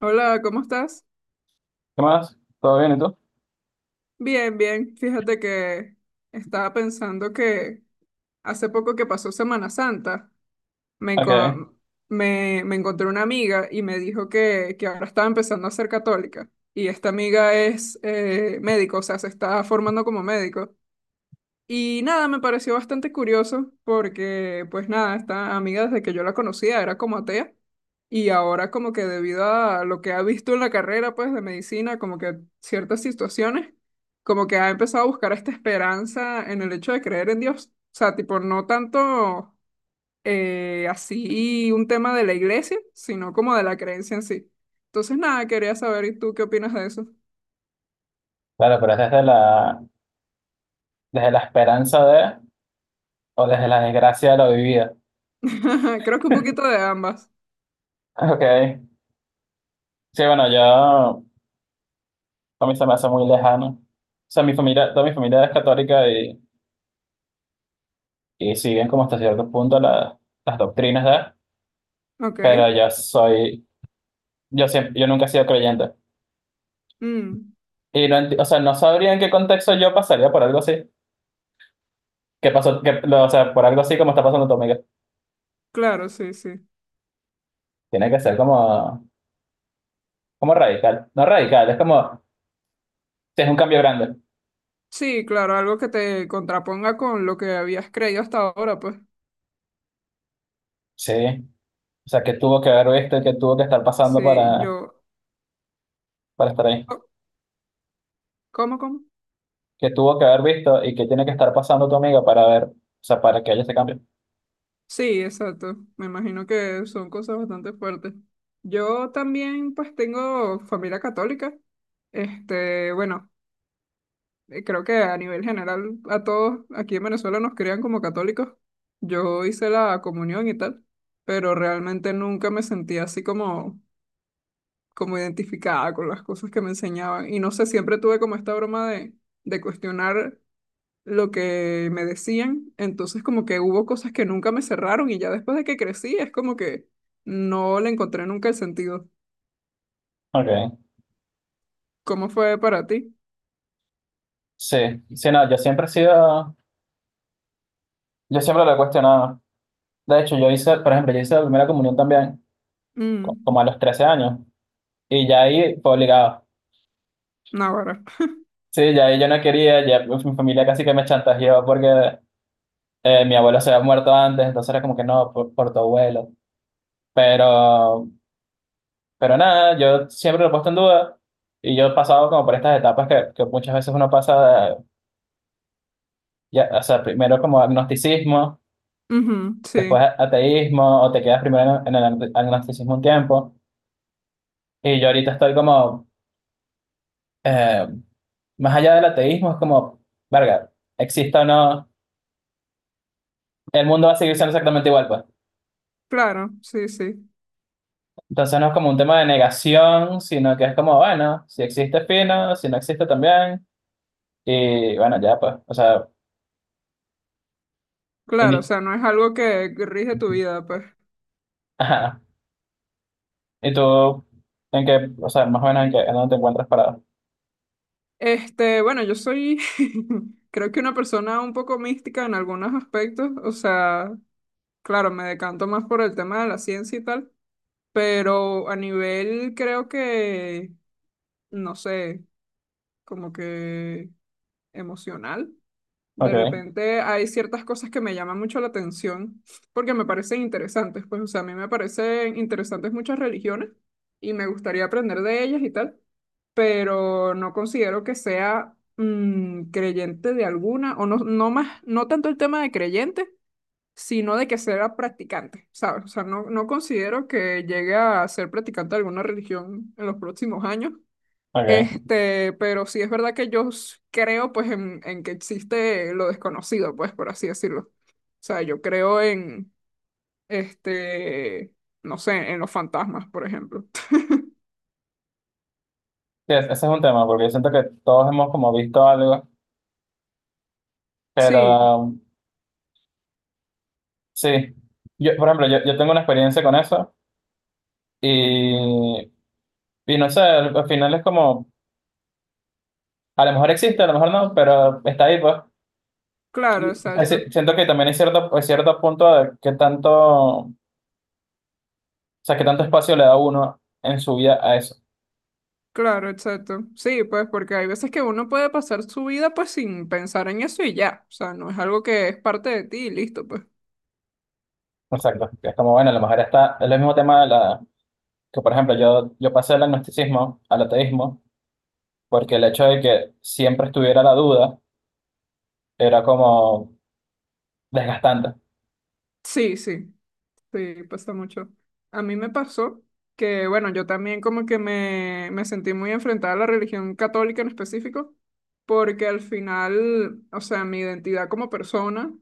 Hola, ¿cómo estás? ¿Qué más? ¿Todo bien y tú? Bien, bien. Fíjate que estaba pensando que hace poco que pasó Semana Santa, me, Ok. enco- me encontré una amiga y me dijo que ahora estaba empezando a ser católica. Y esta amiga es médico, o sea, se está formando como médico. Y nada, me pareció bastante curioso porque, pues nada, esta amiga desde que yo la conocía era como atea y ahora como que debido a lo que ha visto en la carrera, pues de medicina, como que ciertas situaciones, como que ha empezado a buscar esta esperanza en el hecho de creer en Dios. O sea, tipo, no tanto así un tema de la iglesia, sino como de la creencia en sí. Entonces, nada, quería saber, ¿y tú qué opinas de eso? Claro, pero es desde desde la esperanza de o desde la desgracia de la vivida. Creo que un poquito de ambas. Ok. Sí, bueno, yo a mí se me hace muy lejano. O sea, mi familia, toda mi familia es católica y siguen como hasta cierto punto las doctrinas de, pero Ok. yo soy, yo siempre, yo nunca he sido creyente. Mm, Y no o sea, no sabría en qué contexto yo pasaría por algo así. ¿Qué pasó? Que o sea, por algo así como está pasando tu amiga. claro, sí, sí. Tiene que ser como, como radical. No radical, es como, si es un cambio grande. Sí, claro, algo que te contraponga con lo que habías creído hasta ahora, pues. Sí, o sea, ¿que tuvo que haber visto y que tuvo que estar pasando Sí, yo. para estar ahí? Oh, ¿cómo, cómo? ¿Que tuvo que haber visto y que tiene que estar pasando tu amiga para ver, o sea, para que haya ese cambio? Sí, exacto. Me imagino que son cosas bastante fuertes. Yo también, pues, tengo familia católica. Este, bueno, creo que a nivel general a todos aquí en Venezuela nos crían como católicos. Yo hice la comunión y tal, pero realmente nunca me sentí así como como identificada con las cosas que me enseñaban. Y no sé, siempre tuve como esta broma de cuestionar lo que me decían. Entonces como que hubo cosas que nunca me cerraron y ya después de que crecí es como que no le encontré nunca el sentido. Ok, ¿Cómo fue para ti? sí, sí, no, yo siempre he sido, yo siempre lo he cuestionado. De hecho, yo hice, por ejemplo, yo hice la primera comunión también, Mm. como a los 13 años, y ya ahí fue obligado. Naguará. Sí, ya ahí yo no quería, ya mi familia casi que me chantajeó porque mi abuelo se había muerto antes, entonces era como que no, por tu abuelo. Pero Pero nada, yo siempre lo he puesto en duda y yo he pasado como por estas etapas que muchas veces uno pasa, ya, o sea, primero como agnosticismo, Ujú, sí, después ateísmo, o te quedas primero en el agnosticismo un tiempo. Y yo ahorita estoy como, eh, más allá del ateísmo, es como, verga, exista o no, el mundo va a seguir siendo exactamente igual, pues. claro, sí, sí. Entonces no es como un tema de negación, sino que es como, bueno, si existe fino, si no existe también, y bueno, ya, pues, o sea, Claro, o indi- sea, no es algo que rige tu vida, pues. Ajá. ¿Y tú en qué, o sea, más o menos en qué, en dónde te encuentras parado? Este, bueno, yo soy, creo que una persona un poco mística en algunos aspectos, o sea, claro, me decanto más por el tema de la ciencia y tal, pero a nivel creo que, no sé, como que emocional. De Ok, repente hay ciertas cosas que me llaman mucho la atención porque me parecen interesantes. Pues, o sea, a mí me parecen interesantes muchas religiones y me gustaría aprender de ellas y tal, pero no considero que sea creyente de alguna, o no, no más, no tanto el tema de creyente sino de que sea practicante, ¿sabes? O sea, no, no considero que llegue a ser practicante de alguna religión en los próximos años. ok. Este, pero sí es verdad que yo creo pues en que existe lo desconocido, pues por así decirlo. O sea, yo creo en, este, no sé, en los fantasmas, por ejemplo. Sí, ese es un tema, porque siento que todos hemos como visto algo, pero Sí, sí. Yo, por ejemplo, yo tengo una experiencia con eso y, y no sé, al final es como, a lo mejor existe, a lo mejor no, pero está ahí, pues. claro, Y, es decir, exacto. siento que también hay cierto punto de qué tanto, o sea, qué tanto espacio le da uno en su vida a eso. Claro, exacto. Sí, pues porque hay veces que uno puede pasar su vida pues sin pensar en eso y ya. O sea, no es algo que es parte de ti y listo, pues. Exacto. Es como, bueno, a lo mejor está, es el mismo tema que por ejemplo yo pasé del agnosticismo al ateísmo porque el hecho de que siempre estuviera la duda era como desgastante. Sí, sí. Sí, pasa mucho. A mí me pasó que, bueno, yo también como que me sentí muy enfrentada a la religión católica en específico, porque al final, o sea, mi identidad como persona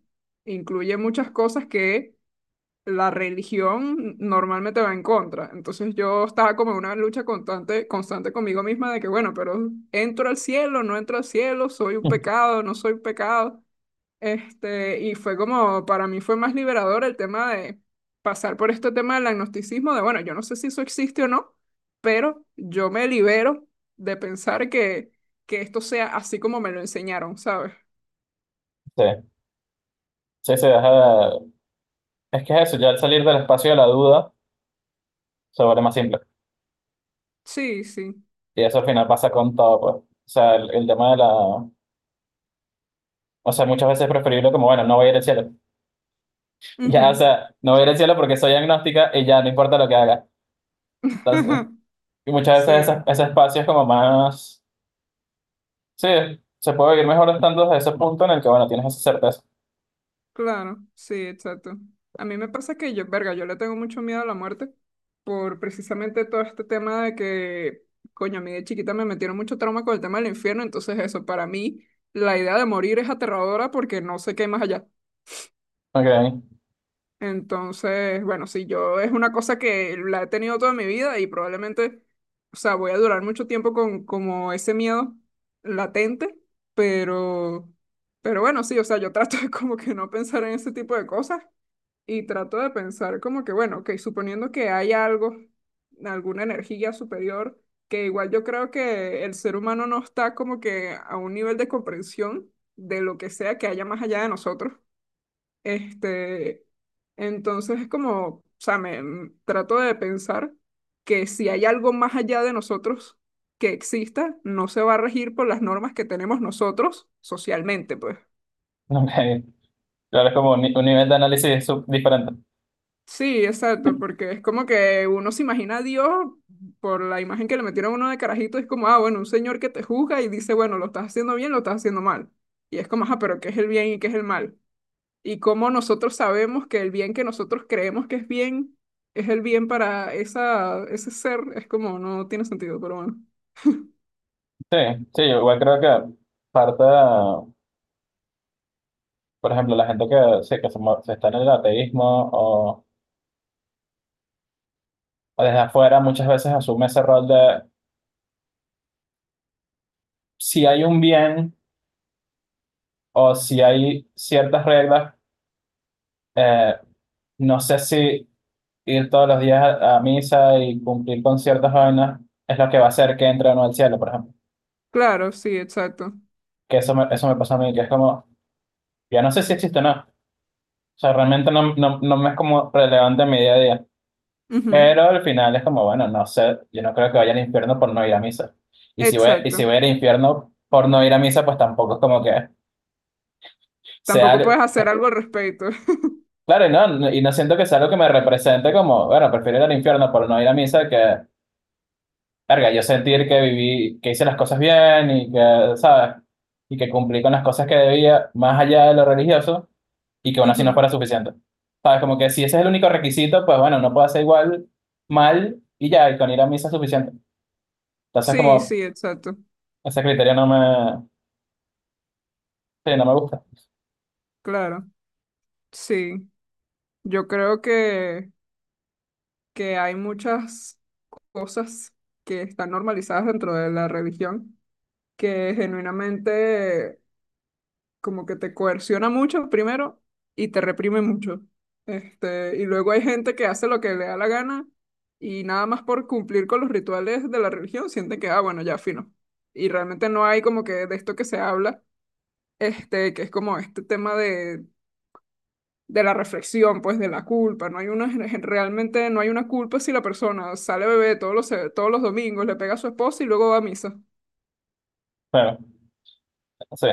incluye muchas cosas que la religión normalmente va en contra. Entonces yo estaba como en una lucha constante, constante conmigo misma de que, bueno, pero entro al cielo, no entro al cielo, soy un pecado, no soy un pecado. Este, y fue como, para mí fue más liberador el tema de pasar por este tema del agnosticismo, de bueno, yo no sé si eso existe o no, pero yo me libero de pensar que esto sea así como me lo enseñaron, ¿sabes? Sí, sí, sí, es que es eso, ya al salir del espacio de la duda se vuelve más simple. Sí, sí. Y eso al final pasa con todo, pues. O sea, el tema de la... O sea, muchas veces es preferible como, bueno, no voy a ir al cielo. Ya, o Ujú. sea, no voy a ir al cielo porque soy agnóstica y ya no importa lo que haga. Entonces, y muchas veces Sí. Ese espacio es como más... Sí, se puede vivir mejor estando desde ese punto en el que, bueno, tienes esa certeza. Claro, sí, exacto. A mí me pasa que yo, verga, yo le tengo mucho miedo a la muerte por precisamente todo este tema de que, coño, a mí de chiquita me metieron mucho trauma con el tema del infierno, entonces eso, para mí la idea de morir es aterradora porque no sé qué hay más allá. Ok. Entonces, bueno, sí, yo es una cosa que la he tenido toda mi vida y probablemente, o sea, voy a durar mucho tiempo con como ese miedo latente, pero, pero bueno, sí, o sea, yo trato de como que no pensar en ese tipo de cosas y trato de pensar como que, bueno, ok, suponiendo que hay algo, alguna energía superior, que igual yo creo que el ser humano no está como que a un nivel de comprensión de lo que sea que haya más allá de nosotros. Este, entonces es como, o sea, trato de pensar que si hay algo más allá de nosotros que exista, no se va a regir por las normas que tenemos nosotros socialmente, pues. Ok, claro, es como un nivel de análisis diferente. Sí, exacto, porque es como que uno se imagina a Dios por la imagen que le metieron a uno de carajito, es como, ah, bueno, un señor que te juzga y dice, bueno, lo estás haciendo bien, lo estás haciendo mal. Y es como, ah, pero ¿qué es el bien y qué es el mal? Y cómo nosotros sabemos que el bien que nosotros creemos que es bien es el bien para esa, ese ser, es como, no tiene sentido, pero bueno. Sí, sí, yo igual creo que parta, por ejemplo, la gente que, sí, se está en el ateísmo o, o desde afuera muchas veces asume ese rol de si hay un bien o si hay ciertas reglas, eh, no sé si ir todos los días a misa y cumplir con ciertas vainas es lo que va a hacer que entre o no al cielo, por ejemplo. Claro, sí, exacto. Eso me pasó a mí, que es como, ya no sé si existe o no. O sea, realmente no, no, no me es como relevante en mi día a día. Ujú. Pero al final es como, bueno, no sé, yo no creo que vaya al infierno por no ir a misa. Y si Exacto. voy al infierno por no ir a misa, pues tampoco es como que sea... Tampoco puedes algo- hacer algo al respecto. claro, y no, y no siento que sea algo que me represente como, bueno, prefiero ir al infierno por no ir a misa que, verga, yo sentir que viví, que hice las cosas bien y que, ¿sabes? Y que cumplí con las cosas que debía, más allá de lo religioso, y que aún así no Ujú. fuera suficiente. ¿Sabes? Como que si ese es el único requisito, pues bueno, no puedo hacer igual mal y ya, y con ir a misa es suficiente. Entonces, Sí, como sí, exacto. ese criterio no me, sí, no me gusta. Claro, sí. Yo creo que hay muchas cosas que están normalizadas dentro de la religión que genuinamente como que te coerciona mucho primero y te reprime mucho. Este, y luego hay gente que hace lo que le da la gana y nada más por cumplir con los rituales de la religión sienten que, ah, bueno, ya fino. Y realmente no hay como que de esto que se habla, este, que es como este tema de la reflexión, pues de la culpa. No hay una, realmente no hay una culpa si la persona sale bebé todos todos los domingos, le pega a su esposa y luego va a misa. Pero, sí.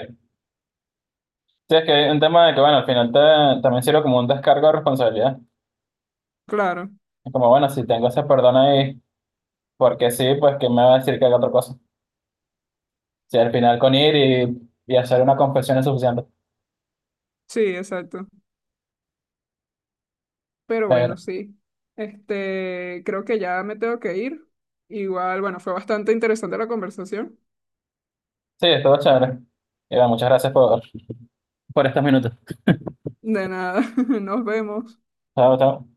Sí, es que hay un tema de que, bueno, al final también sirve como un descargo de responsabilidad. Claro, Es como, bueno, si tengo ese perdón ahí, porque sí, pues que me va a decir que haga otra cosa. Si al final con ir y hacer una confesión es suficiente. sí, exacto. Pero Pero, bueno, sí. Este, creo que ya me tengo que ir. Igual, bueno, fue bastante interesante la conversación. sí, estuvo chévere. Y bueno, muchas gracias por estos minutos. De nada, nos vemos. Chao, chao.